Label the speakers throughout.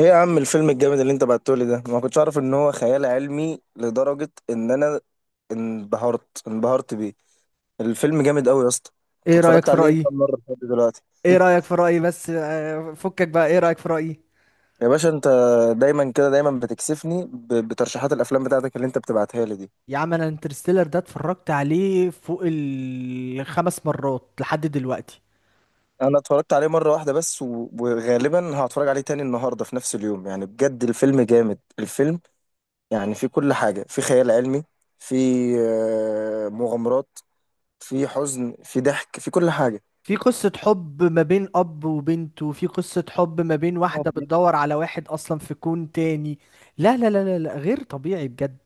Speaker 1: ايه يا عم الفيلم الجامد اللي انت بعتهولي ده، ما كنتش اعرف ان هو خيال علمي لدرجة ان انا انبهرت بيه. الفيلم جامد قوي يا اسطى. انت
Speaker 2: ايه رأيك
Speaker 1: اتفرجت
Speaker 2: في
Speaker 1: عليه كام
Speaker 2: رأيي،
Speaker 1: مرة لحد دلوقتي؟
Speaker 2: ايه رأيك في رأيي، بس فكك بقى، ايه رأيك في رأيي؟
Speaker 1: يا باشا، انت دايما كده، دايما بتكسفني بترشيحات الافلام بتاعتك اللي انت بتبعتها لي دي.
Speaker 2: يا عم، انا انترستيلر ده اتفرجت عليه فوق الخمس مرات لحد دلوقتي.
Speaker 1: انا اتفرجت عليه مرة واحدة بس، وغالبا هتفرج عليه تاني النهاردة في نفس اليوم، يعني بجد الفيلم جامد. الفيلم يعني فيه كل حاجة، فيه خيال علمي، فيه مغامرات، فيه حزن، فيه ضحك، فيه كل حاجة.
Speaker 2: في قصة حب ما بين اب وبنت، وفي قصة حب ما بين واحدة بتدور على واحد اصلا في كون تاني. لا لا لا لا لا، غير طبيعي بجد.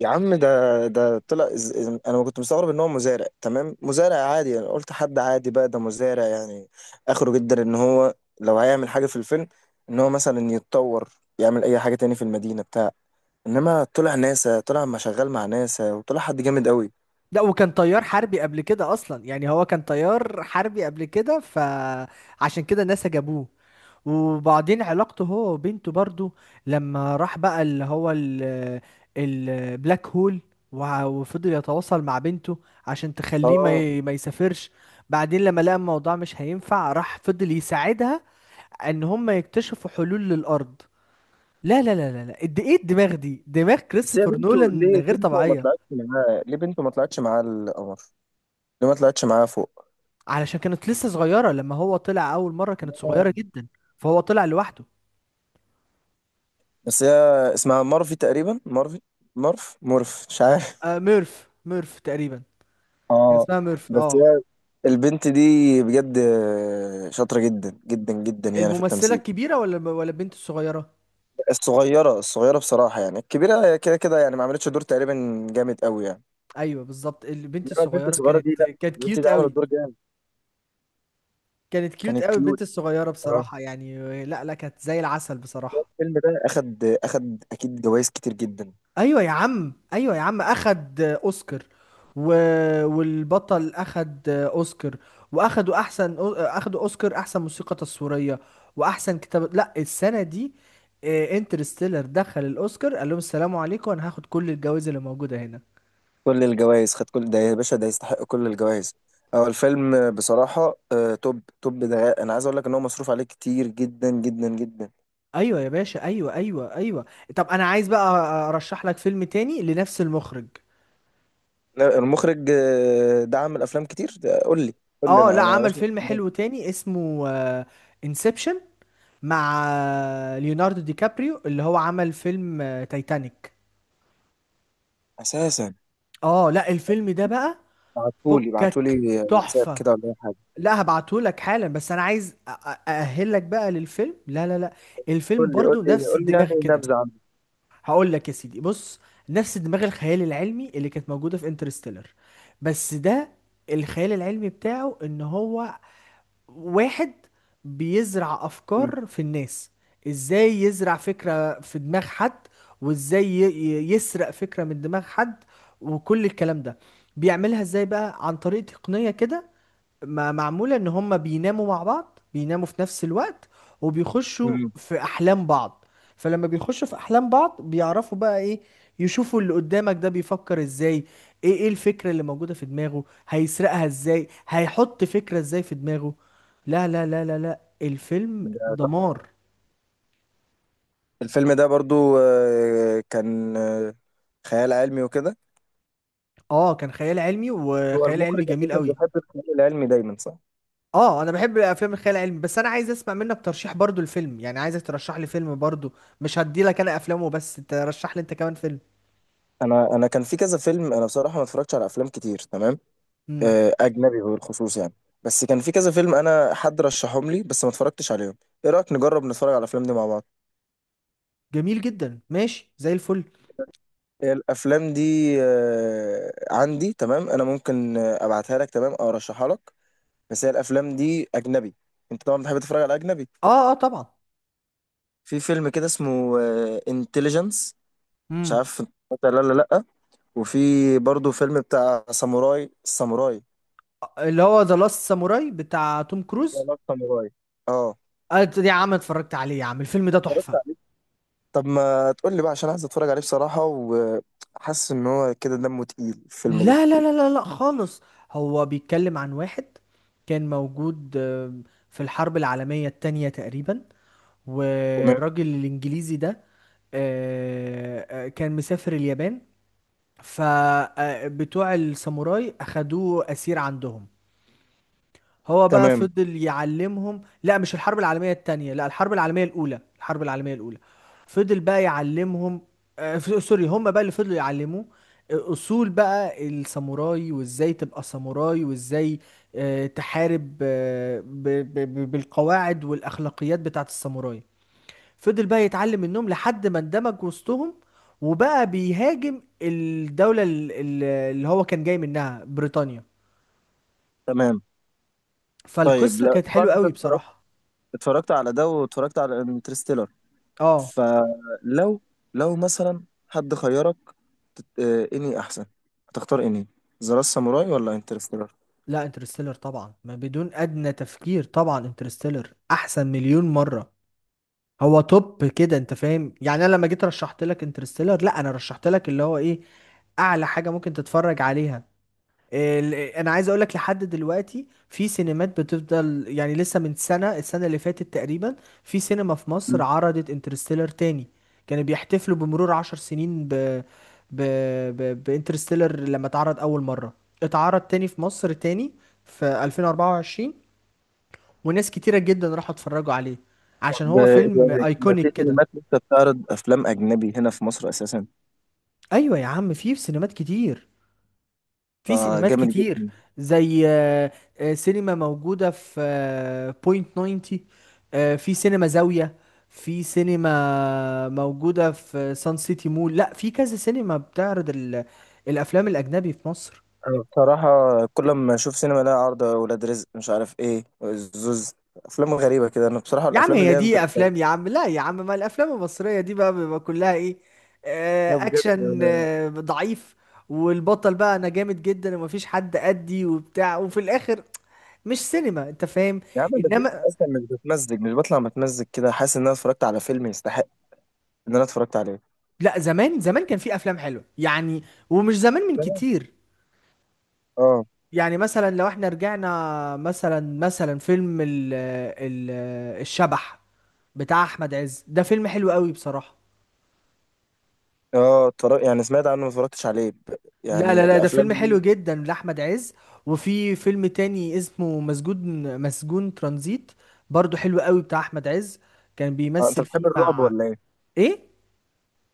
Speaker 1: يا عم ده طلع انا كنت مستغرب ان هو مزارع، تمام، مزارع عادي، انا قلت حد عادي، بقى ده مزارع يعني اخره جدا ان هو لو هيعمل حاجه في الفيلم، ان هو مثلا يتطور، يعمل اي حاجه تاني في المدينه بتاع. انما طلع ناسا، طلع ما شغال مع ناسا، وطلع حد جامد قوي.
Speaker 2: لا، وكان طيار حربي قبل كده اصلا، يعني هو كان طيار حربي قبل كده، فعشان كده ناسا جابوه. وبعدين علاقته هو وبنته برضو، لما راح بقى اللي هو البلاك هول، وفضل يتواصل مع بنته عشان تخليه
Speaker 1: اه،
Speaker 2: ما يسافرش. بعدين لما لقى الموضوع مش هينفع، راح فضل يساعدها ان هم يكتشفوا حلول للارض. لا لا لا لا لا، قد ايه الدماغ دي، دماغ
Speaker 1: بس هي
Speaker 2: كريستوفر
Speaker 1: بنته
Speaker 2: نولان
Speaker 1: ليه؟
Speaker 2: غير
Speaker 1: بنته ما
Speaker 2: طبيعية.
Speaker 1: طلعتش معاه ليه؟ بنته ما طلعتش معاه القمر ليه؟ ما طلعتش معاه فوق؟
Speaker 2: علشان كانت لسه صغيرة، لما هو طلع اول مرة كانت
Speaker 1: آه.
Speaker 2: صغيرة جدا، فهو طلع لوحده.
Speaker 1: بس هي اسمها مارفي تقريبا، مارفي، مارف، مورف، مش عارف.
Speaker 2: آه، ميرف ميرف تقريبا. كان
Speaker 1: اه،
Speaker 2: اسمها ميرف،
Speaker 1: بس
Speaker 2: اه.
Speaker 1: هي البنت دي بجد شاطرة جدا جدا جدا يعني في
Speaker 2: الممثلة
Speaker 1: التمثيل.
Speaker 2: الكبيرة ولا البنت الصغيرة؟
Speaker 1: الصغيرة، الصغيرة بصراحة، يعني الكبيرة كده كده يعني ما عملتش دور تقريبا جامد قوي يعني.
Speaker 2: ايوه بالظبط، البنت
Speaker 1: انما البنت
Speaker 2: الصغيرة
Speaker 1: الصغيرة
Speaker 2: كانت
Speaker 1: دي، لا،
Speaker 2: كانت
Speaker 1: البنت دي
Speaker 2: كيوت
Speaker 1: عملت
Speaker 2: قوي.
Speaker 1: دور جامد،
Speaker 2: كانت كيوت
Speaker 1: كانت
Speaker 2: قوي
Speaker 1: كيوت.
Speaker 2: البنت الصغيرة
Speaker 1: اه،
Speaker 2: بصراحة، يعني لا لا، كانت زي العسل بصراحة.
Speaker 1: الفيلم ده اخد اكيد جوائز كتير جدا.
Speaker 2: ايوه يا عم، ايوه يا عم، اخد اوسكار. و... والبطل اخد اوسكار. واخدوا احسن اخدوا اوسكار احسن موسيقى تصويرية واحسن كتابة، لا السنة دي انترستيلر دخل الاوسكار، قال لهم السلام عليكم انا هاخد كل الجوائز اللي موجودة هنا.
Speaker 1: كل الجوائز، خد كل ده يا باشا، ده يستحق كل الجوائز. هو الفيلم بصراحة توب توب. ده انا عايز اقول لك ان هو مصروف عليه كتير جدا جدا جدا.
Speaker 2: ايوه يا باشا، ايوه ايوه ايوه. طب انا عايز بقى ارشح لك فيلم تاني لنفس المخرج.
Speaker 1: لا، المخرج دعم الافلام كتير ده، قول لي، قول لي
Speaker 2: اه، لا،
Speaker 1: انا يا
Speaker 2: عمل
Speaker 1: باشا.
Speaker 2: فيلم حلو تاني اسمه انسبشن، مع ليوناردو دي كابريو، اللي هو عمل فيلم تايتانيك.
Speaker 1: اساسا
Speaker 2: اه، لا، الفيلم ده بقى
Speaker 1: بعتولي
Speaker 2: فكك،
Speaker 1: بعتولي واتساب
Speaker 2: تحفة.
Speaker 1: كده، ولا اي حاجه؟
Speaker 2: لا، هبعته لك حالا، بس انا عايز اأهلك بقى للفيلم. لا لا لا، الفيلم
Speaker 1: قول لي، قول
Speaker 2: برضو
Speaker 1: لي،
Speaker 2: نفس
Speaker 1: قول لي
Speaker 2: الدماغ
Speaker 1: يعني
Speaker 2: كده.
Speaker 1: نبذه عنه.
Speaker 2: هقول لك يا سيدي، بص، نفس دماغ الخيال العلمي اللي كانت موجودة في انترستيلر، بس ده الخيال العلمي بتاعه ان هو واحد بيزرع
Speaker 1: مم.
Speaker 2: افكار في الناس. ازاي يزرع فكرة في دماغ حد، وازاي يسرق فكرة من دماغ حد، وكل الكلام ده بيعملها ازاي بقى؟ عن طريق تقنية كده معمولة ان هما بيناموا مع بعض، بيناموا في نفس الوقت وبيخشوا
Speaker 1: مم.
Speaker 2: في احلام بعض. فلما بيخشوا في احلام بعض، بيعرفوا بقى ايه؟ يشوفوا اللي قدامك ده بيفكر ازاي، ايه الفكرة اللي موجودة في دماغه، هيسرقها ازاي، هيحط فكرة ازاي في دماغه. لا لا لا لا لا، الفيلم
Speaker 1: ده تحفة.
Speaker 2: دمار.
Speaker 1: الفيلم ده برضو كان خيال علمي وكده.
Speaker 2: اه، كان خيال علمي،
Speaker 1: هو
Speaker 2: وخيال علمي
Speaker 1: المخرج
Speaker 2: جميل
Speaker 1: اساسا
Speaker 2: قوي.
Speaker 1: بيحب الخيال العلمي دايما، صح؟
Speaker 2: اه، انا بحب الافلام الخيال العلمي، بس انا عايز اسمع منك ترشيح برضو الفيلم، يعني عايزك ترشح لي فيلم برضو، مش هدي لك انا افلام وبس، ترشح لي انت كمان فيلم.
Speaker 1: انا كان في كذا فيلم، انا بصراحه ما اتفرجتش على افلام كتير، تمام،
Speaker 2: امم.
Speaker 1: اجنبي بالخصوص يعني. بس كان في كذا فيلم انا حد رشحهم لي بس ما اتفرجتش عليهم. ايه رايك نجرب نتفرج على الافلام دي مع بعض؟
Speaker 2: جميل جدا، ماشي زي الفل.
Speaker 1: هي الافلام دي عندي، تمام، انا ممكن ابعتها لك، تمام، او ارشحها لك. بس هي الافلام دي اجنبي، انت طبعا بتحب تتفرج على اجنبي.
Speaker 2: اه اه، طبعا.
Speaker 1: في فيلم كده اسمه انتليجنس، مش
Speaker 2: امم.
Speaker 1: عارف انت اتفرجت عليه ولا لا. وفي برضو فيلم بتاع ساموراي، الساموراي.
Speaker 2: اللي هو ذا لاست ساموراي بتاع توم
Speaker 1: لا
Speaker 2: كروز؟
Speaker 1: لا، ساموراي. اه،
Speaker 2: آه يا عم، اتفرجت عليه يا عم، الفيلم ده
Speaker 1: اتفرجت
Speaker 2: تحفة.
Speaker 1: عليه. طب ما تقول لي بقى، عشان عايز اتفرج عليه بصراحة، وحاسس ان هو كده دمه تقيل الفيلم ده.
Speaker 2: لا لا لا لا لا، خالص. هو بيتكلم عن واحد كان موجود في الحرب العالمية التانية تقريبا،
Speaker 1: تمام.
Speaker 2: والراجل الإنجليزي ده كان مسافر اليابان، فبتوع الساموراي أخدوه أسير عندهم. هو بقى
Speaker 1: تمام.
Speaker 2: فضل يعلمهم، لا مش الحرب العالمية التانية، لا الحرب العالمية الأولى، الحرب العالمية الأولى. فضل بقى يعلمهم، سوري، هم بقى اللي فضلوا يعلموه أصول بقى الساموراي، وإزاي تبقى ساموراي، وإزاي تحارب بالقواعد والأخلاقيات بتاعت الساموراي. فضل بقى يتعلم منهم لحد ما اندمج وسطهم، وبقى بيهاجم الدولة اللي هو كان جاي منها، بريطانيا.
Speaker 1: تمام. طيب،
Speaker 2: فالقصة
Speaker 1: لا
Speaker 2: كانت
Speaker 1: طبعا
Speaker 2: حلوة
Speaker 1: انت
Speaker 2: قوي
Speaker 1: اتفرجت،
Speaker 2: بصراحة.
Speaker 1: اتفرجت على ده واتفرجت على انترستيلر.
Speaker 2: اه،
Speaker 1: فلو لو مثلا حد خيرك اني احسن، هتختار اني ذا لاست ساموراي ولا انترستيلر؟
Speaker 2: لا انترستيلر طبعا، ما بدون ادنى تفكير، طبعا انترستيلر احسن مليون مرة، هو توب كده، انت فاهم؟ يعني انا لما جيت رشحت لك انترستيلر، لا انا رشحت لك اللي هو ايه، اعلى حاجة ممكن تتفرج عليها. انا عايز اقول لك لحد دلوقتي في سينمات بتفضل، يعني لسه من السنة اللي فاتت تقريبا في سينما في مصر
Speaker 1: مم.
Speaker 2: عرضت انترستيلر تاني. كانوا بيحتفلوا بمرور عشر سنين ب ب ب بانترستيلر، لما اتعرض اول مرة اتعرض تاني في مصر تاني في 2024، وناس كتيرة جدا راحوا اتفرجوا عليه عشان
Speaker 1: طب
Speaker 2: هو فيلم
Speaker 1: يعني ما في
Speaker 2: ايكونيك كده.
Speaker 1: سينمات لسه بتعرض افلام اجنبي هنا في مصر اساسا؟
Speaker 2: ايوه يا عم، في سينمات كتير، في
Speaker 1: ده
Speaker 2: سينمات
Speaker 1: جامد
Speaker 2: كتير.
Speaker 1: جدا.
Speaker 2: زي سينما موجودة في بوينت 90، في سينما زاوية، في سينما موجودة في سان سيتي مول، لا في كذا سينما بتعرض الأفلام الأجنبي في مصر.
Speaker 1: انا بصراحه كل ما اشوف سينما لها عرض ولاد رزق، مش عارف ايه، زوز افلام غريبه كده. انا بصراحه
Speaker 2: يا عم
Speaker 1: الافلام اللي
Speaker 2: هي
Speaker 1: هي
Speaker 2: دي
Speaker 1: انترستيلر
Speaker 2: أفلام يا عم، لا يا عم، ما الأفلام المصرية دي بقى بيبقى كلها إيه؟
Speaker 1: ده بجد.
Speaker 2: أكشن
Speaker 1: انا
Speaker 2: ضعيف، والبطل بقى أنا جامد جدا ومفيش حد قدي وبتاع، وفي الآخر مش سينما، أنت فاهم.
Speaker 1: يا عم ده في
Speaker 2: انما
Speaker 1: اصلا مش بتمزج، مش بطلع متمزج كده، حاسس ان انا اتفرجت على فيلم يستحق ان انا اتفرجت عليه.
Speaker 2: لا، زمان زمان كان في افلام حلوه يعني، ومش زمان من
Speaker 1: تمام.
Speaker 2: كتير.
Speaker 1: اه،
Speaker 2: يعني مثلا لو احنا رجعنا، مثلا فيلم ال ال الشبح بتاع احمد عز، ده فيلم حلو قوي بصراحه.
Speaker 1: اه، اتفرج يعني سمعت عنه، ما اتفرجتش عليه.
Speaker 2: لا لا
Speaker 1: يعني
Speaker 2: لا، ده
Speaker 1: الافلام
Speaker 2: فيلم حلو
Speaker 1: دي.
Speaker 2: جدا لاحمد عز. وفي فيلم تاني اسمه مسجون ترانزيت، برضو حلو قوي بتاع احمد عز، كان
Speaker 1: انت
Speaker 2: بيمثل
Speaker 1: بتحب
Speaker 2: فيه
Speaker 1: الرعب
Speaker 2: مع
Speaker 1: ولا ايه؟
Speaker 2: ايه.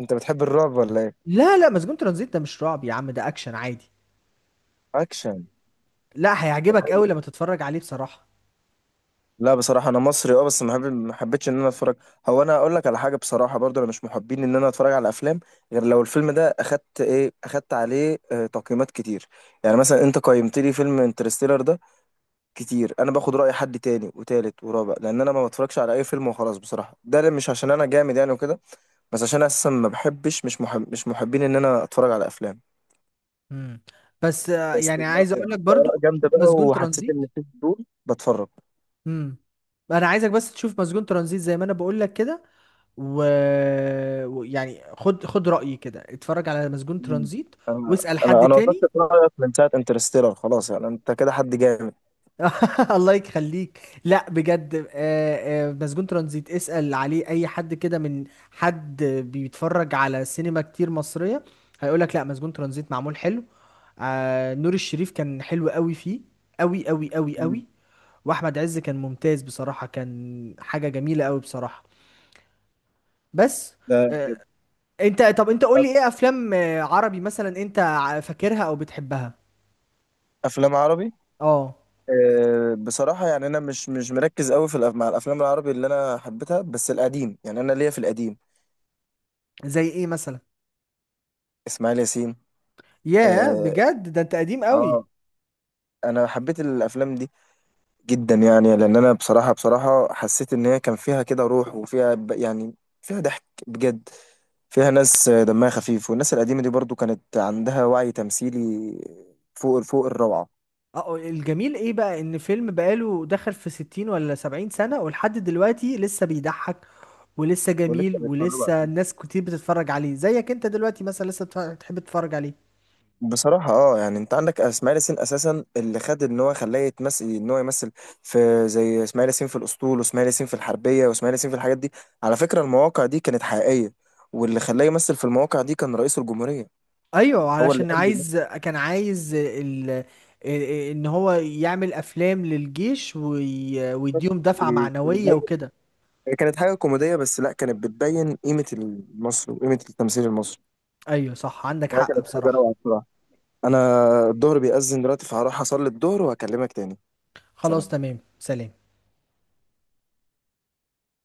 Speaker 1: انت بتحب الرعب ولا ايه؟
Speaker 2: لا لا، مسجون ترانزيت ده مش رعب يا عم، ده اكشن عادي.
Speaker 1: اكشن.
Speaker 2: لا
Speaker 1: طب
Speaker 2: هيعجبك
Speaker 1: حلو.
Speaker 2: قوي لما تتفرج عليه بصراحه.
Speaker 1: لا بصراحه انا مصري، اه، بس ما حبيتش ان انا اتفرج. هو انا اقول لك على حاجه بصراحه، برضه انا مش محبين ان انا اتفرج على افلام، غير لو الفيلم ده اخدت ايه، اخدت عليه تقييمات كتير. يعني مثلا انت قيمت لي فيلم انترستيلر ده كتير، انا باخد راي حد تاني وتالت ورابع، لان انا ما بتفرجش على اي فيلم وخلاص بصراحه. ده مش عشان انا جامد يعني وكده، بس عشان اساسا ما بحبش، مش محب، مش محبين ان انا اتفرج على افلام.
Speaker 2: مم. بس
Speaker 1: بس
Speaker 2: يعني
Speaker 1: لا،
Speaker 2: عايز اقول لك
Speaker 1: اخدت اراء
Speaker 2: برضو، شوف
Speaker 1: جامده بقى
Speaker 2: مسجون
Speaker 1: وحسيت
Speaker 2: ترانزيت.
Speaker 1: ان في فضول بتفرج.
Speaker 2: امم. انا عايزك بس تشوف مسجون ترانزيت زي ما انا بقول لك كده، و... ويعني خد خد رأيي كده، اتفرج على مسجون
Speaker 1: مم.
Speaker 2: ترانزيت
Speaker 1: انا
Speaker 2: واسأل
Speaker 1: انا
Speaker 2: حد
Speaker 1: انا وضحت
Speaker 2: تاني.
Speaker 1: رايك من ساعه انترستيلر، خلاص يعني انت كده حد جامد.
Speaker 2: الله يخليك، لا بجد مسجون ترانزيت اسأل عليه اي حد كده، من حد بيتفرج على سينما كتير مصرية، هيقولك لا مسجون ترانزيت معمول حلو. نور الشريف كان حلو قوي فيه، قوي قوي قوي
Speaker 1: مم.
Speaker 2: قوي. واحمد عز كان ممتاز بصراحه، كان حاجه جميله قوي بصراحه. بس
Speaker 1: ده
Speaker 2: انت، طب انت قول لي
Speaker 1: طب
Speaker 2: ايه افلام عربي مثلا انت فاكرها او بتحبها؟
Speaker 1: افلام عربي،
Speaker 2: اه،
Speaker 1: أه بصراحه يعني انا مش مركز قوي في مع الافلام العربي اللي انا حبيتها، بس القديم يعني، انا ليا في القديم.
Speaker 2: زي ايه مثلا؟
Speaker 1: اسماعيل ياسين.
Speaker 2: ياه
Speaker 1: اه.
Speaker 2: بجد، ده انت قديم قوي.
Speaker 1: آه، انا حبيت الافلام دي جدا، يعني لان انا بصراحه حسيت ان هي كان فيها كده روح، وفيها يعني فيها ضحك بجد، فيها ناس دمها خفيف، والناس القديمه دي برضو كانت عندها وعي تمثيلي فوق فوق الروعه.
Speaker 2: اه، الجميل ايه بقى ان فيلم بقاله دخل في 60 ولا 70 سنه ولحد دلوقتي لسه بيضحك، ولسه جميل،
Speaker 1: ولسه بيتفرجوا
Speaker 2: ولسه
Speaker 1: عليه
Speaker 2: الناس كتير بتتفرج عليه زيك انت دلوقتي مثلا لسه بتحب تتفرج عليه.
Speaker 1: بصراحة. اه، يعني انت عندك اسماعيل ياسين اساسا، اللي خد ان هو خلاه يتمثل، ان هو يمثل في، زي اسماعيل ياسين في الاسطول، واسماعيل ياسين في الحربية، واسماعيل ياسين في الحاجات دي. على فكرة المواقع دي كانت حقيقية، واللي خلاه يمثل في المواقع دي كان رئيس الجمهورية.
Speaker 2: ايوه
Speaker 1: هو اللي
Speaker 2: علشان
Speaker 1: قال
Speaker 2: كان عايز ال- ان هو يعمل افلام للجيش، ويديهم دفعة معنوية
Speaker 1: له.
Speaker 2: وكده.
Speaker 1: كانت حاجة كوميدية، بس لا، كانت بتبين قيمة مصر وقيمة التمثيل المصري.
Speaker 2: ايوه صح، عندك
Speaker 1: ده
Speaker 2: حق
Speaker 1: كانت حاجة
Speaker 2: بصراحة.
Speaker 1: روعة بصراحة. أنا الظهر بيأذن دلوقتي، فهروح أصلي الظهر وهكلمك تاني.
Speaker 2: خلاص،
Speaker 1: سلام.
Speaker 2: تمام، سلام.